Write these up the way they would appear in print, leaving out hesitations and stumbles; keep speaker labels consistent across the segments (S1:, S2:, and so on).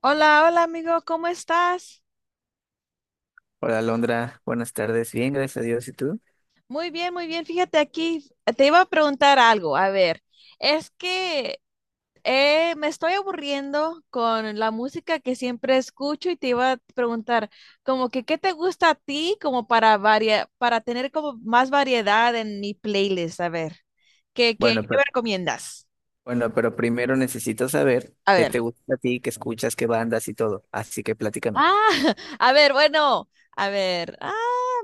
S1: Hola, hola amigo, ¿cómo estás?
S2: Hola, Alondra. Buenas tardes. Bien, gracias a Dios. ¿Y tú?
S1: Muy bien, muy bien. Fíjate aquí, te iba a preguntar algo. A ver, es que me estoy aburriendo con la música que siempre escucho y te iba a preguntar, como que, ¿qué te gusta a ti como para para tener como más variedad en mi playlist? A ver, ¿qué, qué,
S2: Bueno,
S1: qué
S2: pero,
S1: me recomiendas?
S2: bueno, pero primero necesito saber
S1: A
S2: qué
S1: ver.
S2: te gusta a ti, qué escuchas, qué bandas y todo. Así que platícame.
S1: Ah, a ver, bueno, a ver.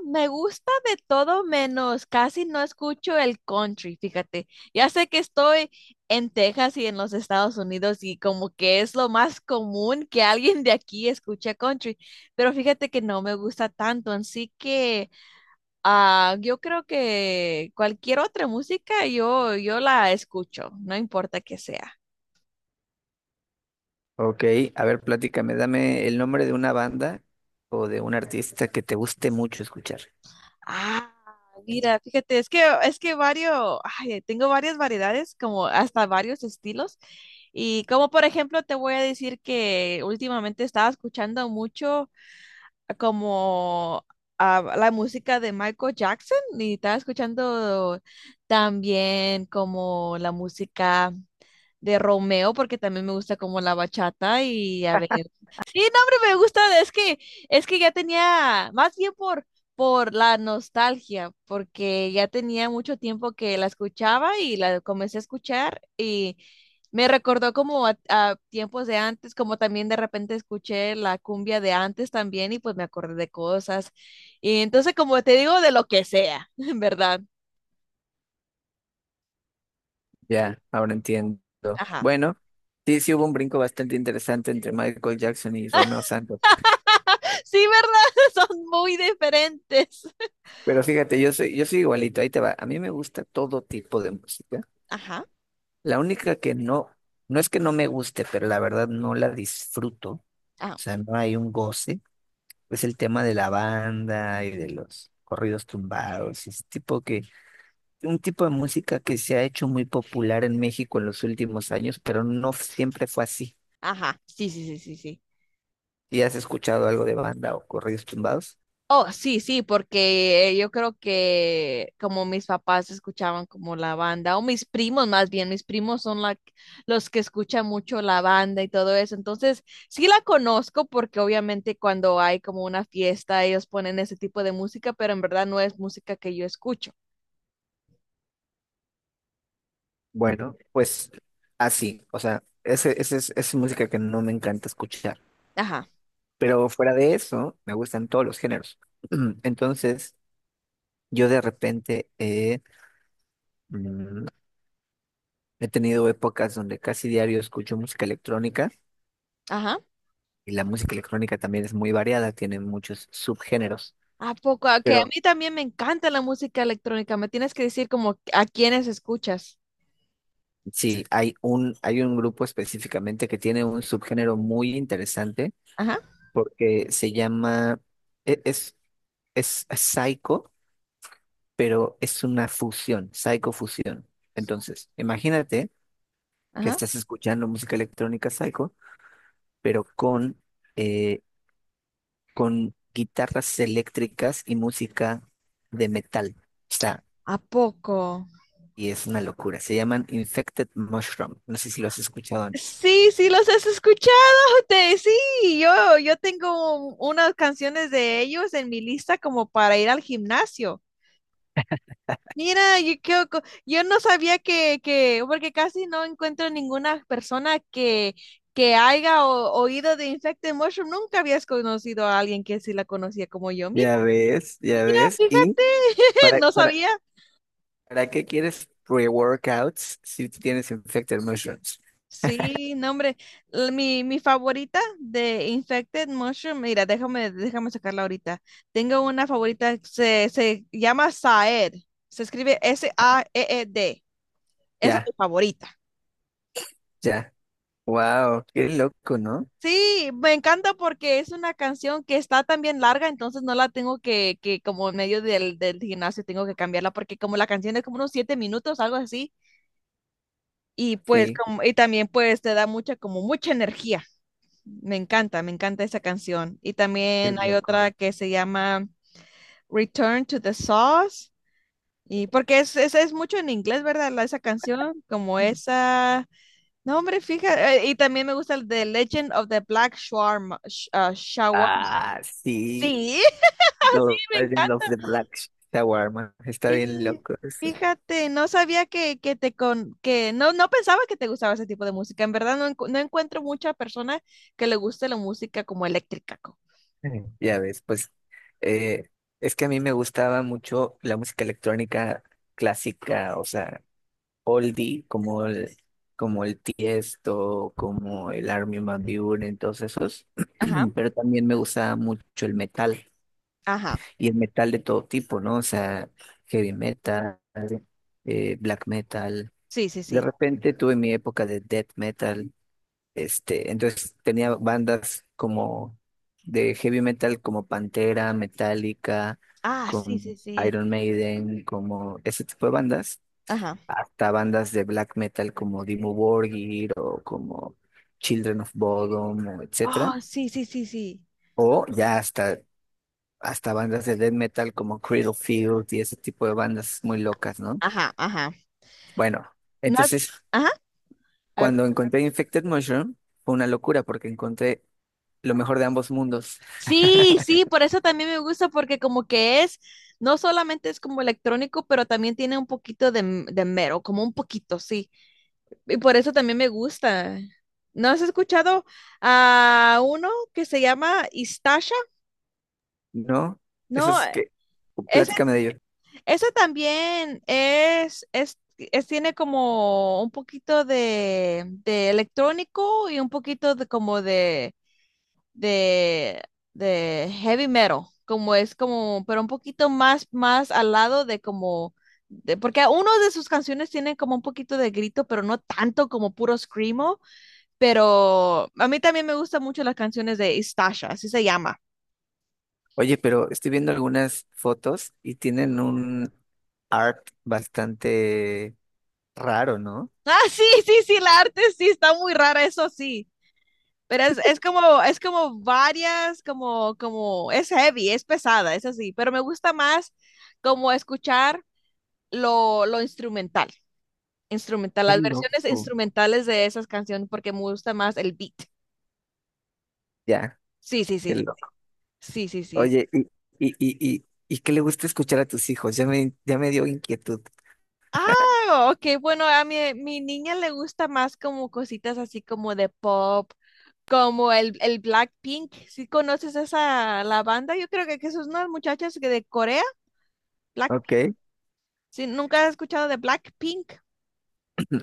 S1: Me gusta de todo menos. Casi no escucho el country, fíjate. Ya sé que estoy en Texas y en los Estados Unidos y como que es lo más común que alguien de aquí escuche country, pero fíjate que no me gusta tanto, así que yo creo que cualquier otra música yo la escucho, no importa que sea.
S2: Ok, a ver, platícame. Dame el nombre de una banda o de un artista que te guste mucho escuchar.
S1: Ah, mira, fíjate, es que varios, ay, tengo varias variedades, como hasta varios estilos. Y como por ejemplo, te voy a decir que últimamente estaba escuchando mucho como la música de Michael Jackson y estaba escuchando también como la música de Romeo, porque también me gusta como la bachata y a ver. Sí, no, hombre, me gusta, es que ya tenía, más por la nostalgia, porque ya tenía mucho tiempo que la escuchaba y la comencé a escuchar y me recordó como a tiempos de antes, como también de repente escuché la cumbia de antes también y pues me acordé de cosas. Y entonces, como te digo, de lo que sea, ¿verdad?
S2: Ya, ahora entiendo.
S1: Ajá.
S2: Bueno, sí, sí hubo un brinco bastante interesante entre Michael Jackson y Romeo Santos.
S1: Sí, ¿verdad? Son muy diferentes.
S2: Pero fíjate, yo soy igualito. Ahí te va. A mí me gusta todo tipo de música.
S1: Ajá.
S2: La única que no, no es que no me guste, pero la verdad no la disfruto, o
S1: Ah,
S2: sea, no hay un goce, es el tema de la banda y de los corridos tumbados, ese tipo que, un tipo de música que se ha hecho muy popular en México en los últimos años, pero no siempre fue así.
S1: ajá, sí, sí, sí, sí, sí.
S2: ¿Y has escuchado algo de banda o corridos tumbados?
S1: Oh, sí, sí, porque yo creo que como mis papás escuchaban como la banda, o mis primos más bien, mis primos son los que escuchan mucho la banda y todo eso. Entonces, sí la conozco porque obviamente cuando hay como una fiesta, ellos ponen ese tipo de música, pero en verdad no es música que yo escucho.
S2: Bueno, pues así, o sea, ese es música que no me encanta escuchar,
S1: Ajá,
S2: pero fuera de eso, me gustan todos los géneros. Entonces… Yo de repente mm, he tenido épocas donde casi diario escucho música electrónica
S1: ajá.
S2: y la música electrónica también es muy variada, tiene muchos subgéneros,
S1: ¿A poco? Ah, que a
S2: pero
S1: mí también me encanta la música electrónica. Me tienes que decir como a quiénes escuchas.
S2: sí, hay un grupo específicamente que tiene un subgénero muy interesante
S1: Ajá,
S2: porque se llama, e- es psycho, pero es una fusión, psicofusión. Entonces, imagínate que
S1: ajá.
S2: estás escuchando música electrónica psycho, pero eh, con guitarras eléctricas y música de metal. O sea,
S1: ¿A poco?
S2: y es una locura. Se llaman Infected Mushroom. No sé si lo has escuchado antes.
S1: Sí, sí, los has escuchado, te, sí, yo tengo unas canciones de ellos en mi lista como para ir al gimnasio. Mira, yo, creo yo no sabía porque casi no encuentro ninguna persona que haya oído de Infected Mushroom. Nunca habías conocido a alguien que sí la conocía como yo. Mira,
S2: Ya ves, ya
S1: mira,
S2: ves. ¿Y
S1: fíjate,
S2: para,
S1: no
S2: para,
S1: sabía.
S2: para qué quieres pre-workouts si tú tienes Infected Mushrooms?
S1: Sí, no, hombre. L- mi favorita de Infected Mushroom, mira, déjame sacarla ahorita. Tengo una favorita, se llama Saed. Se escribe S-A-E-E-D. Esa es
S2: Ya,
S1: mi favorita.
S2: ya. Wow, qué loco, ¿no?
S1: Sí, me encanta porque es una canción que está también larga, entonces no la tengo que como en medio del gimnasio tengo que cambiarla porque como la canción es como unos 7 minutos, algo así, y pues
S2: Sí,
S1: como, y también pues te da mucha, como mucha energía. Me encanta esa canción. Y
S2: qué
S1: también hay
S2: loco.
S1: otra que se llama Return to the Sauce. Y porque es mucho en inglés, ¿verdad? La- esa canción, como esa. No, hombre, fíjate. Y también me gusta el de Legend of the Black Shawarma. Shawarma.
S2: Ah, sí.
S1: Sí,
S2: The
S1: me
S2: Legend of
S1: encanta.
S2: the Black Shawarma. Está bien
S1: Y
S2: loco.
S1: fíjate, no sabía que te con que no, no pensaba que te gustaba ese tipo de música. En verdad, no, no encuentro mucha persona que le guste la música como eléctrica. Co-
S2: Ya ves, pues eh, es que a mí me gustaba mucho la música electrónica clásica, o sea, oldie, como el Tiesto, como el Armin van Buuren, todos esos,
S1: Ajá,
S2: pero también me gustaba mucho el metal,
S1: ajá.
S2: y el metal de todo tipo, ¿no? O sea, heavy metal, black metal.
S1: Sí, sí,
S2: De
S1: sí.
S2: repente tuve mi época de death metal, este, entonces tenía bandas como de heavy metal como Pantera, Metallica,
S1: Ah, sí,
S2: como
S1: sí, sí.
S2: Iron Maiden, como ese tipo de bandas,
S1: Ajá.
S2: hasta bandas de black metal como Dimmu Borgir o como Children of Bodom, o etcétera,
S1: Oh, sí, sí, sí, sí.
S2: o ya hasta bandas de death metal como Field y ese tipo de bandas muy locas, ¿no?
S1: Ajá, ajá.
S2: Bueno,
S1: No has-
S2: entonces
S1: Ajá. A ver.
S2: cuando encontré Infected Mushroom fue una locura porque encontré lo mejor de ambos mundos.
S1: Sí, sí, por eso también me gusta, porque como que es, no solamente es como electrónico, pero también tiene un poquito de mero, como un poquito, sí. Y por eso también me gusta. ¿No has escuchado a uno que se llama Istasha?
S2: ¿No? Eso
S1: No,
S2: es que,
S1: ese
S2: platícame de ello.
S1: eso también tiene como un poquito de electrónico y un poquito de como de, de heavy metal, como es como, pero un poquito más, más al lado de como, de, porque uno de sus canciones tiene como un poquito de grito, pero no tanto como puro screamo, pero a mí también me gustan mucho las canciones de Istasha, así se llama.
S2: Oye, pero estoy viendo algunas fotos y tienen un art bastante raro, ¿no?
S1: Ah, sí, sí, sí, la arte sí, está muy rara, eso sí. Pero es como varias, como, como, es heavy, es pesada, es así, pero me gusta más como escuchar lo instrumental, instrumental,
S2: Qué
S1: las versiones
S2: loco.
S1: instrumentales de esas canciones, porque me gusta más el beat.
S2: Ya,
S1: Sí, sí,
S2: qué
S1: sí,
S2: loco.
S1: sí, sí, sí. Sí.
S2: Oye, ¿Y qué le gusta escuchar a tus hijos? Ya me dio inquietud.
S1: Ah, ok, bueno, a mi niña le gusta más como cositas así como de pop, como el Blackpink. ¿Sí conoces esa, la banda? Yo creo que son unas muchachas que de Corea, Black,
S2: Ok,
S1: ¿sí? ¿Nunca has escuchado de Blackpink?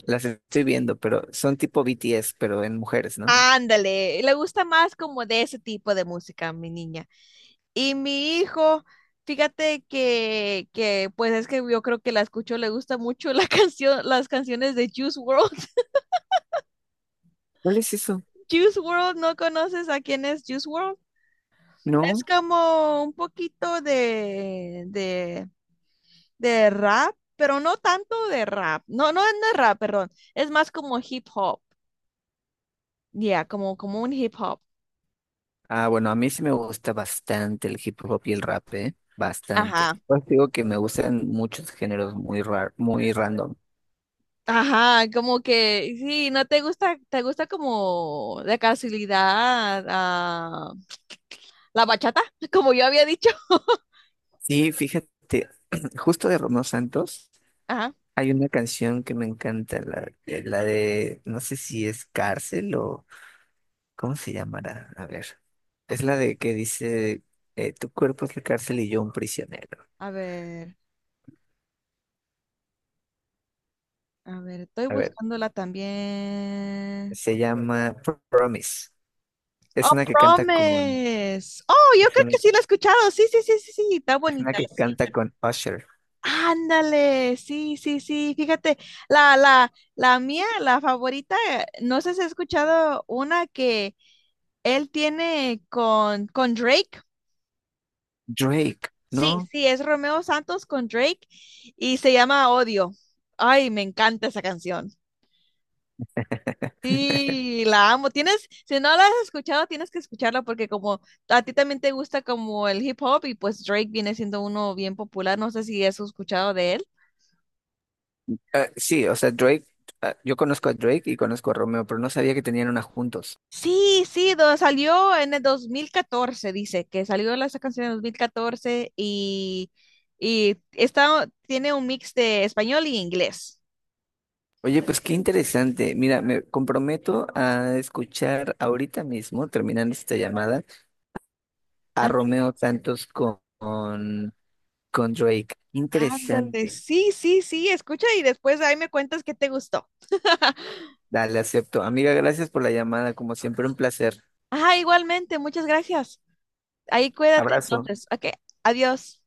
S2: las estoy viendo, pero son tipo BTS, pero en mujeres, ¿no?
S1: Ándale, le gusta más como de ese tipo de música, mi niña. Y mi hijo, fíjate que pues es que yo creo que la escucho, le gusta mucho la canción, las canciones de Juice World.
S2: ¿Cuál es eso?
S1: Juice World, ¿no conoces a quién es Juice World? Es
S2: No.
S1: como un poquito de rap, pero no tanto de rap. No, no, es de rap, perdón. Es más como hip hop. Ya, como, como un hip hop.
S2: Ah, bueno, a mí sí me gusta bastante el hip hop y el rap, ¿eh? Bastante.
S1: Ajá.
S2: Pues digo que me gustan muchos géneros muy rar, muy random.
S1: Ajá, como que sí, no te gusta, te gusta como la casualidad, ah, la bachata, como yo había dicho.
S2: Sí, fíjate, justo de Romeo Santos
S1: Ajá,
S2: hay una canción que me encanta, la de, no sé si es cárcel o, ¿cómo se llamará? A ver, es la de que dice, tu cuerpo es la cárcel y yo un prisionero.
S1: a ver, a ver, estoy
S2: A ver,
S1: buscándola también.
S2: se llama Promise. Es
S1: Oh,
S2: una que canta con,
S1: Promise. Oh, yo
S2: es
S1: creo que
S2: una,
S1: sí la he escuchado. Sí, sí, sí, sí, sí, está
S2: es una
S1: bonita,
S2: que
S1: sí.
S2: canta con Usher.
S1: Ándale, sí, sí, sí. Fíjate, la mía, la favorita, no sé si has escuchado una que él tiene con Drake.
S2: Drake,
S1: Sí,
S2: ¿no?
S1: sí, es Romeo Santos con Drake y se llama Odio. Ay, me encanta esa canción. Sí, la amo. Tienes, si no la has escuchado, tienes que escucharla porque como a ti también te gusta como el hip hop y pues Drake viene siendo uno bien popular. No sé si has escuchado de él.
S2: Ah, sí, o sea, Drake, ah, yo conozco a Drake y conozco a Romeo, pero no sabía que tenían una juntos.
S1: Sí, sí, do- salió en el 2014. Dice, que salió la- esa canción en el 2014 y está, tiene un mix de español y inglés.
S2: Oye, pues qué interesante. Mira, me comprometo a escuchar ahorita mismo, terminando esta llamada, a Romeo Santos con Drake.
S1: Ándale,
S2: Interesante.
S1: sí, sí, sí, escucha y después ahí me cuentas qué te gustó.
S2: Dale, acepto. Amiga, gracias por la llamada, como siempre, un placer.
S1: Ah, igualmente, muchas gracias. Ahí cuídate
S2: Abrazo.
S1: entonces. Ok, adiós.